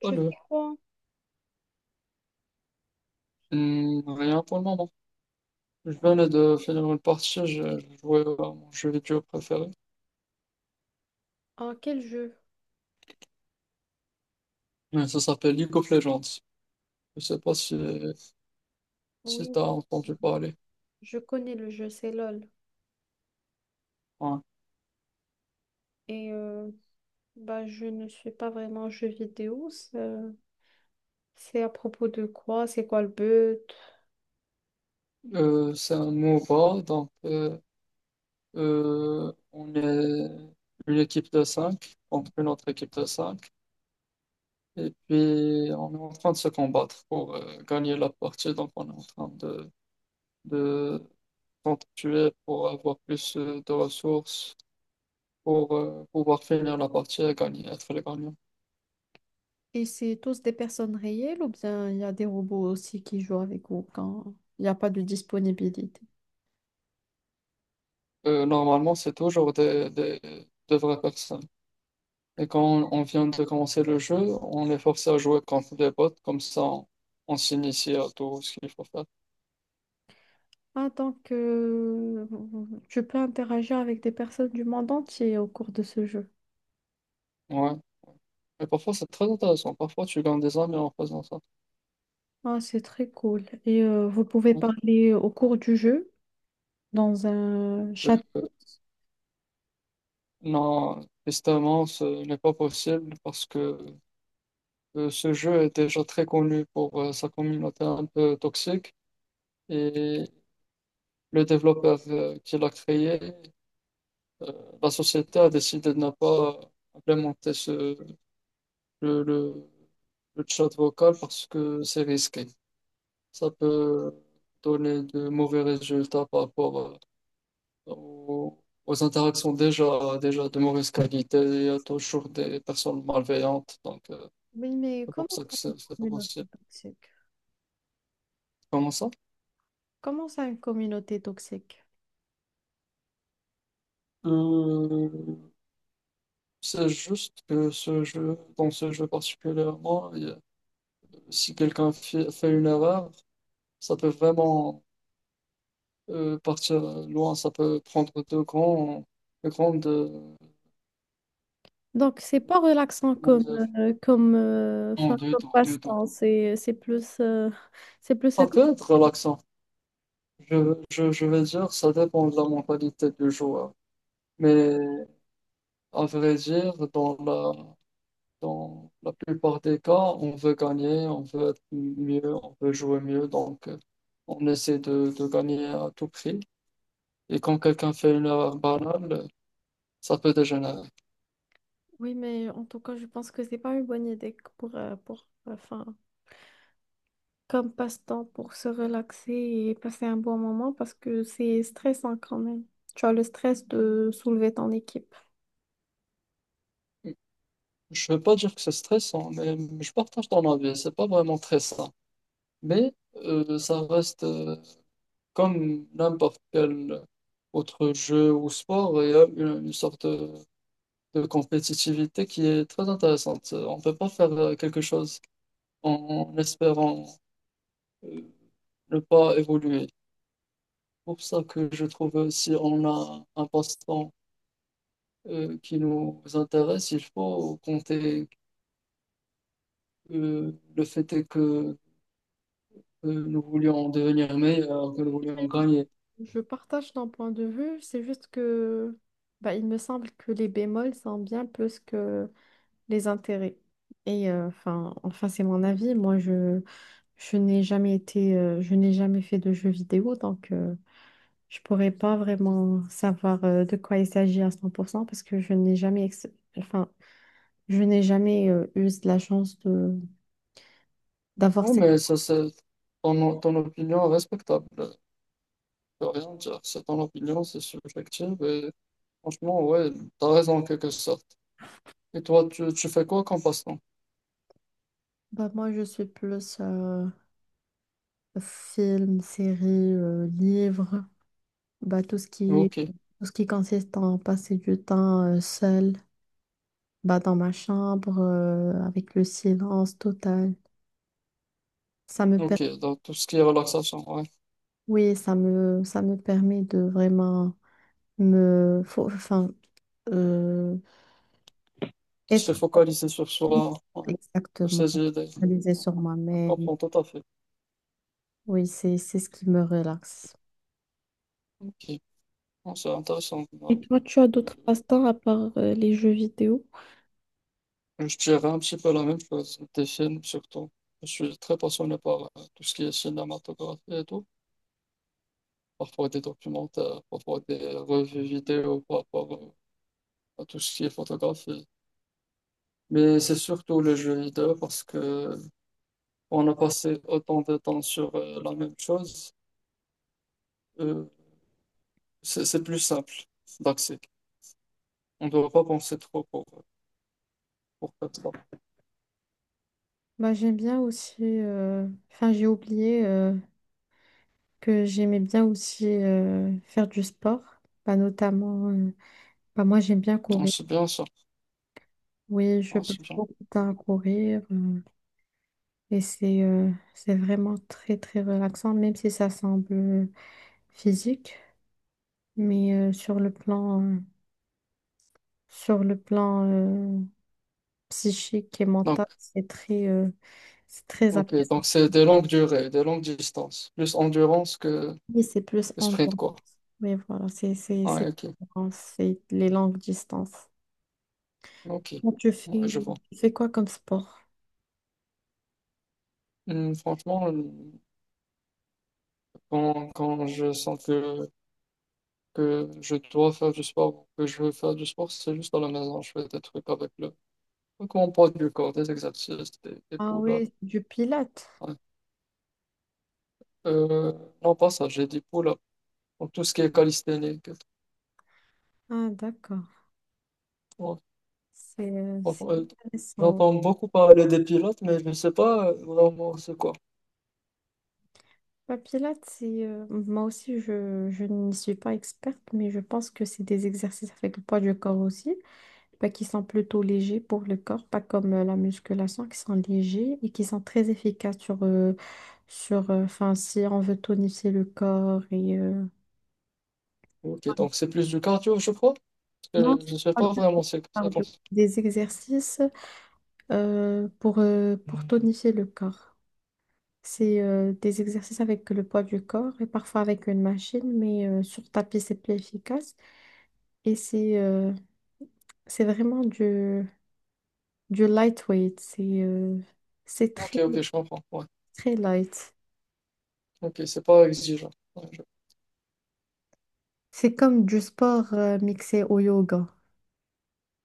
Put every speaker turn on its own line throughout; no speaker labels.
Je fais
Allô.
quoi?
Rien pour le moment. Je venais de finir une partie, j'ai joué à mon jeu vidéo préféré.
En quel jeu?
Ça s'appelle League of Legends. Je sais pas si, si
Oui,
t'as entendu parler.
je connais le jeu, c'est LOL.
Ouais.
Et euh, bah, je ne suis pas vraiment jeu vidéo. C'est à propos de quoi? C'est quoi le but?
C'est un MOBA, donc on est une équipe de 5 contre une autre équipe de cinq. Et puis on est en train de se combattre pour gagner la partie, donc on est en train de s'entretuer pour avoir plus de ressources pour pouvoir finir la partie et gagner, être le gagnant.
Et c'est tous des personnes réelles ou bien il y a des robots aussi qui jouent avec vous quand il n'y a pas de disponibilité?
Normalement, c'est toujours de vraies personnes. Et quand on vient de commencer le jeu, on est forcé à jouer contre des bots, comme ça on s'initie à tout ce qu'il faut faire.
Ah, donc, tu peux interagir avec des personnes du monde entier au cours de ce jeu.
Ouais. Mais parfois, c'est très intéressant. Parfois, tu gagnes des amis en faisant ça.
Ah, c'est très cool. Vous pouvez
Ouais.
parler au cours du jeu dans un chat.
Euh, non, justement, ce n'est pas possible parce que ce jeu est déjà très connu pour sa communauté un peu toxique. Et le développeur qui l'a créé, euh, la société a décidé de ne pas implémenter le, le, le chat vocal parce que c'est risqué. Ça peut donner de mauvais résultats par rapport aux, aux interactions déjà de mauvaise qualité. Il y a toujours des personnes malveillantes, donc
Oui, mais
c'est pour
comment
ça que
ça une
c'est pas
communauté
possible.
toxique?
Comment ça?
Comment ça une communauté toxique?
Euh, c'est juste que dans ce jeu particulièrement, il y a- si quelqu'un fait une erreur, ça peut vraiment partir loin, ça peut prendre de grands, de grandes,
Donc, c'est pas relaxant
comment
comme,
dire,
comme,
non,
enfin,
deux
comme
tours, deux tours.
passe-temps. C'est plus, c'est plus...
Ça peut être relaxant. Je vais dire, ça dépend de la mentalité du joueur. Mais à vrai dire, dans la plupart des cas, on veut gagner, on veut être mieux, on veut jouer mieux. Donc, on essaie de gagner à tout prix. Et quand quelqu'un fait une erreur banale, ça peut dégénérer.
Oui, mais en tout cas, je pense que c'est pas une bonne idée pour, enfin, comme passe-temps pour se relaxer et passer un bon moment parce que c'est stressant quand même. Tu as le stress de soulever ton équipe.
Je veux pas dire que c'est stressant, mais je partage ton avis, c'est pas vraiment stressant. Mais ça reste comme n'importe quel autre jeu ou sport, il y a une sorte de compétitivité qui est très intéressante. On peut pas faire quelque chose en espérant euh, ne pas évoluer. Pour ça que je trouve si on a un passe-temps qui nous intéresse, il faut compter le fait est que nous voulions devenir meilleurs, que nous voulions
Oui,
gagner.
je partage ton point de vue, c'est juste que bah, il me semble que les bémols sont bien plus que les intérêts. Enfin c'est mon avis. Moi, je n'ai jamais été, je n'ai jamais fait de jeux vidéo, donc je pourrais pas vraiment savoir de quoi il s'agit à 100% parce que je n'ai jamais, enfin, je n'ai jamais eu de la chance de d'avoir
Oui,
cette...
mais ça, c'est ton opinion respectable. Je peux rien dire. C'est ton opinion, c'est subjectif. Et franchement, ouais, t'as raison en quelque sorte. Et toi, tu fais quoi comme passe-temps?
Bah, moi, je suis plus film, série, livre, bah,
Ok,
tout ce qui consiste en passer du temps seul, bah, dans ma chambre avec le silence total. Ça me per-
ok, donc tout ce qui est relaxation, ouais.
Oui, ça me permet de vraiment me... faut- Enfin, euh, être
Se focaliser sur soi, ouais. Sur
exactement
ses idées.
réalisée
Ouais.
sur
Je
moi-même.
comprends tout à fait.
Oui, c'est ce qui me relaxe.
Ok. Bon, c'est intéressant.
Et
Ouais.
toi, tu as d'autres passe-temps à part les jeux vidéo?
Je dirais un petit peu la même chose, des films surtout. Je suis très passionné par tout ce qui est cinématographie et tout. Parfois des documentaires, parfois des revues vidéo par rapport à tout ce qui est photographie. Mais c'est surtout le jeu vidéo parce que on a passé autant de temps sur la même chose, euh, c'est plus simple d'accès. On ne doit pas penser trop pour faire ça.
Bah, j'aime bien aussi, enfin j'ai oublié que j'aimais bien aussi faire du sport, bah, notamment, bah, moi j'aime bien
Non,
courir.
c'est bien ça.
Oui, je
Non,
passe
c'est bien.
beaucoup de temps à courir et c'est vraiment très très relaxant, même si ça semble physique, mais sur le plan psychique et
Donc,
mental, c'est c'est très
ok, donc
apaisant.
c'est des longues durées, des longues distances, plus endurance que
Oui, c'est plus
le
en
sprint, quoi.
distance. Oui, voilà,
Ouais, ok.
c'est les longues distances.
Ok.
Toi,
Ouais, je vois.
tu fais quoi comme sport?
Franchement, quand, quand je sens que je dois faire du sport, ou que je veux faire du sport, c'est juste à la maison. Je fais des trucs avec le, avec mon poids du corps, des exercices, des
Ah
pull-ups.
oui, du pilates.
Ouais. Euh, non, pas ça, j'ai dit pull-ups. Donc, tout ce qui est calisthénique.
Ah d'accord,
Ouais,
c'est
franchement,
intéressant.
j'entends beaucoup parler des pilotes, mais je ne sais pas vraiment c'est quoi.
Bah, pilates, c'est, moi aussi, je n'y suis pas experte, mais je pense que c'est des exercices avec le poids du corps aussi. Bah, qui sont plutôt légers pour le corps, pas comme la musculation, qui sont légers et qui sont très efficaces sur, enfin, si on veut tonifier le corps et
Ok, donc c'est plus du cardio, je crois, parce
non,
que
c'est
je ne sais
pas du
pas vraiment c'est ça.
cardio.
Consiste.
Des exercices pour tonifier le corps. C'est des exercices avec le poids du corps et parfois avec une machine, mais sur tapis, c'est plus efficace. Et c'est euh, c'est vraiment du lightweight. C'est
Ok,
très,
ok, je comprends. Ouais.
très light.
Ok, c'est pas exigeant. Ouais, je-
C'est comme du sport mixé au yoga.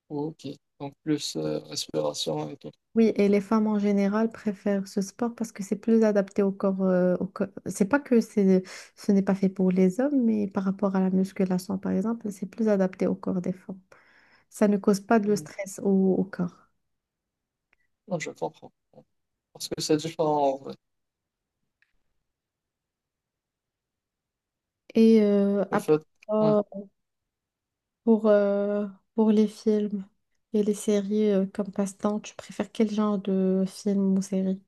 Ok, donc plus respiration et tout.
Oui, et les femmes en général préfèrent ce sport parce que c'est plus adapté au corps, c'est pas que c'est, ce n'est pas fait pour les hommes, mais par rapport à la musculation, par exemple, c'est plus adapté au corps des femmes. Ça ne cause pas de
Hmm.
stress au corps.
Ouais, je comprends. Parce que c'est différent en vrai.
Et euh,
Le
après,
fait, ouais.
euh, pour, euh, pour les films et les séries comme passe-temps, tu préfères quel genre de film ou série?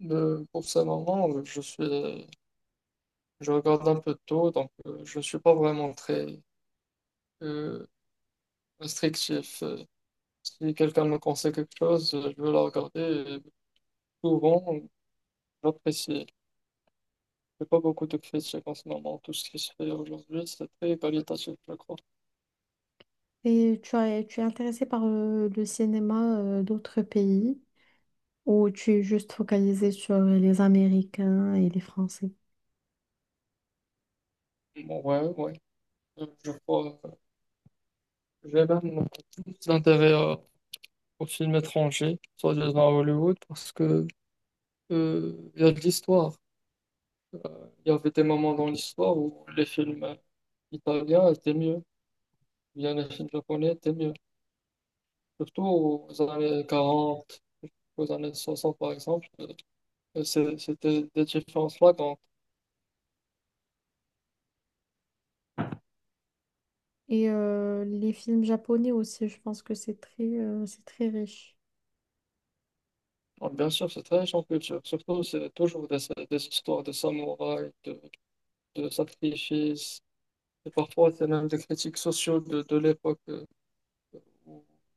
Le- pour ce moment, je regarde un peu de tout, donc je ne suis pas vraiment très euh, restrictif. Si quelqu'un me conseille quelque chose, je vais la regarder. Et souvent, j'apprécie. J'ai pas beaucoup de critiques en ce moment. Tout ce qui se fait aujourd'hui, c'est très qualitatif, je crois.
Tu es intéressé par le cinéma d'autres pays? Ou tu es juste focalisé sur les Américains et les Français?
Bon, ouais, ouais. Je crois. Je vais même plus d'intérêt aux films étrangers, soit disant à Hollywood, parce que il y a de l'histoire. Il y avait des moments dans l'histoire où les films italiens étaient mieux, ou bien les films japonais étaient mieux. Surtout aux années 40, aux années 60 par exemple, et c'est- c'était des différences flagrantes.
Les films japonais aussi, je pense que c'est c'est très riche.
Alors, bien sûr, c'est très riche en culture. Surtout, c'est toujours des histoires de samouraïs, de sacrifices, et parfois, c'est même des critiques sociaux de l'époque.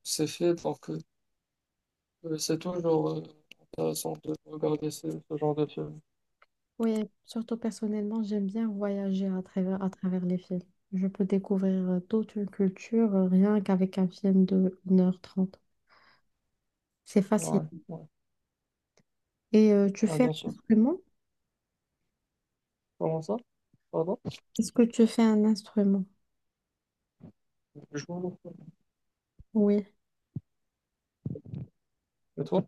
C'est fait pour que c'est toujours intéressant de regarder ce, ce genre de film.
Oui, surtout personnellement, j'aime bien voyager à travers les films. Je peux découvrir toute une culture rien qu'avec un film de 1h30. C'est facile.
Ouais, ouais.
Tu
Ouais,
fais
bien
un
sûr.
instrument?
Comment ça? Pardon?
Est-ce que tu fais un instrument?
Je vous...
Oui.
Et toi?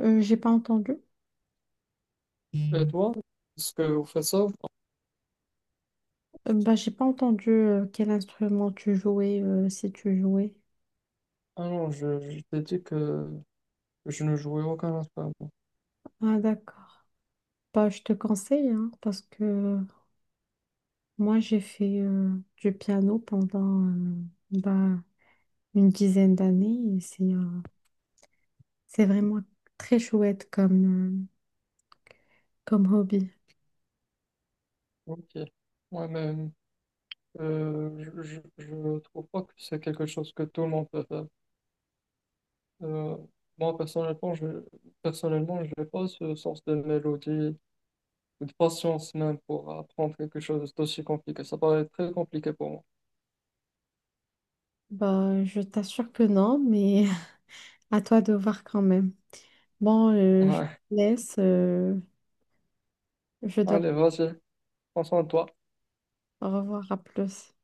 J'ai pas entendu.
Et toi? Est-ce que vous faites ça? Ou pas.
Bah, j'ai pas entendu quel instrument tu jouais, si tu jouais.
Ah non, je t'ai dit que je ne jouais aucun instrument.
Ah, d'accord. Bah, je te conseille, hein, parce que moi, j'ai fait du piano pendant bah, une dizaine d'années et c'est vraiment très chouette comme hobby.
Ok. Ouais, mais je trouve pas que c'est quelque chose que tout le monde peut faire. Euh, Moi, personnellement, je personnellement, j'ai pas ce sens de mélodie de patience même pour apprendre quelque chose d'aussi compliqué. Ça paraît très compliqué pour moi.
Bah, je t'assure que non, mais à toi de voir quand même. Bon, je te
Ouais.
laisse, je dois
Allez, vas-y, prends soin de toi. Ouais.
au revoir, à plus.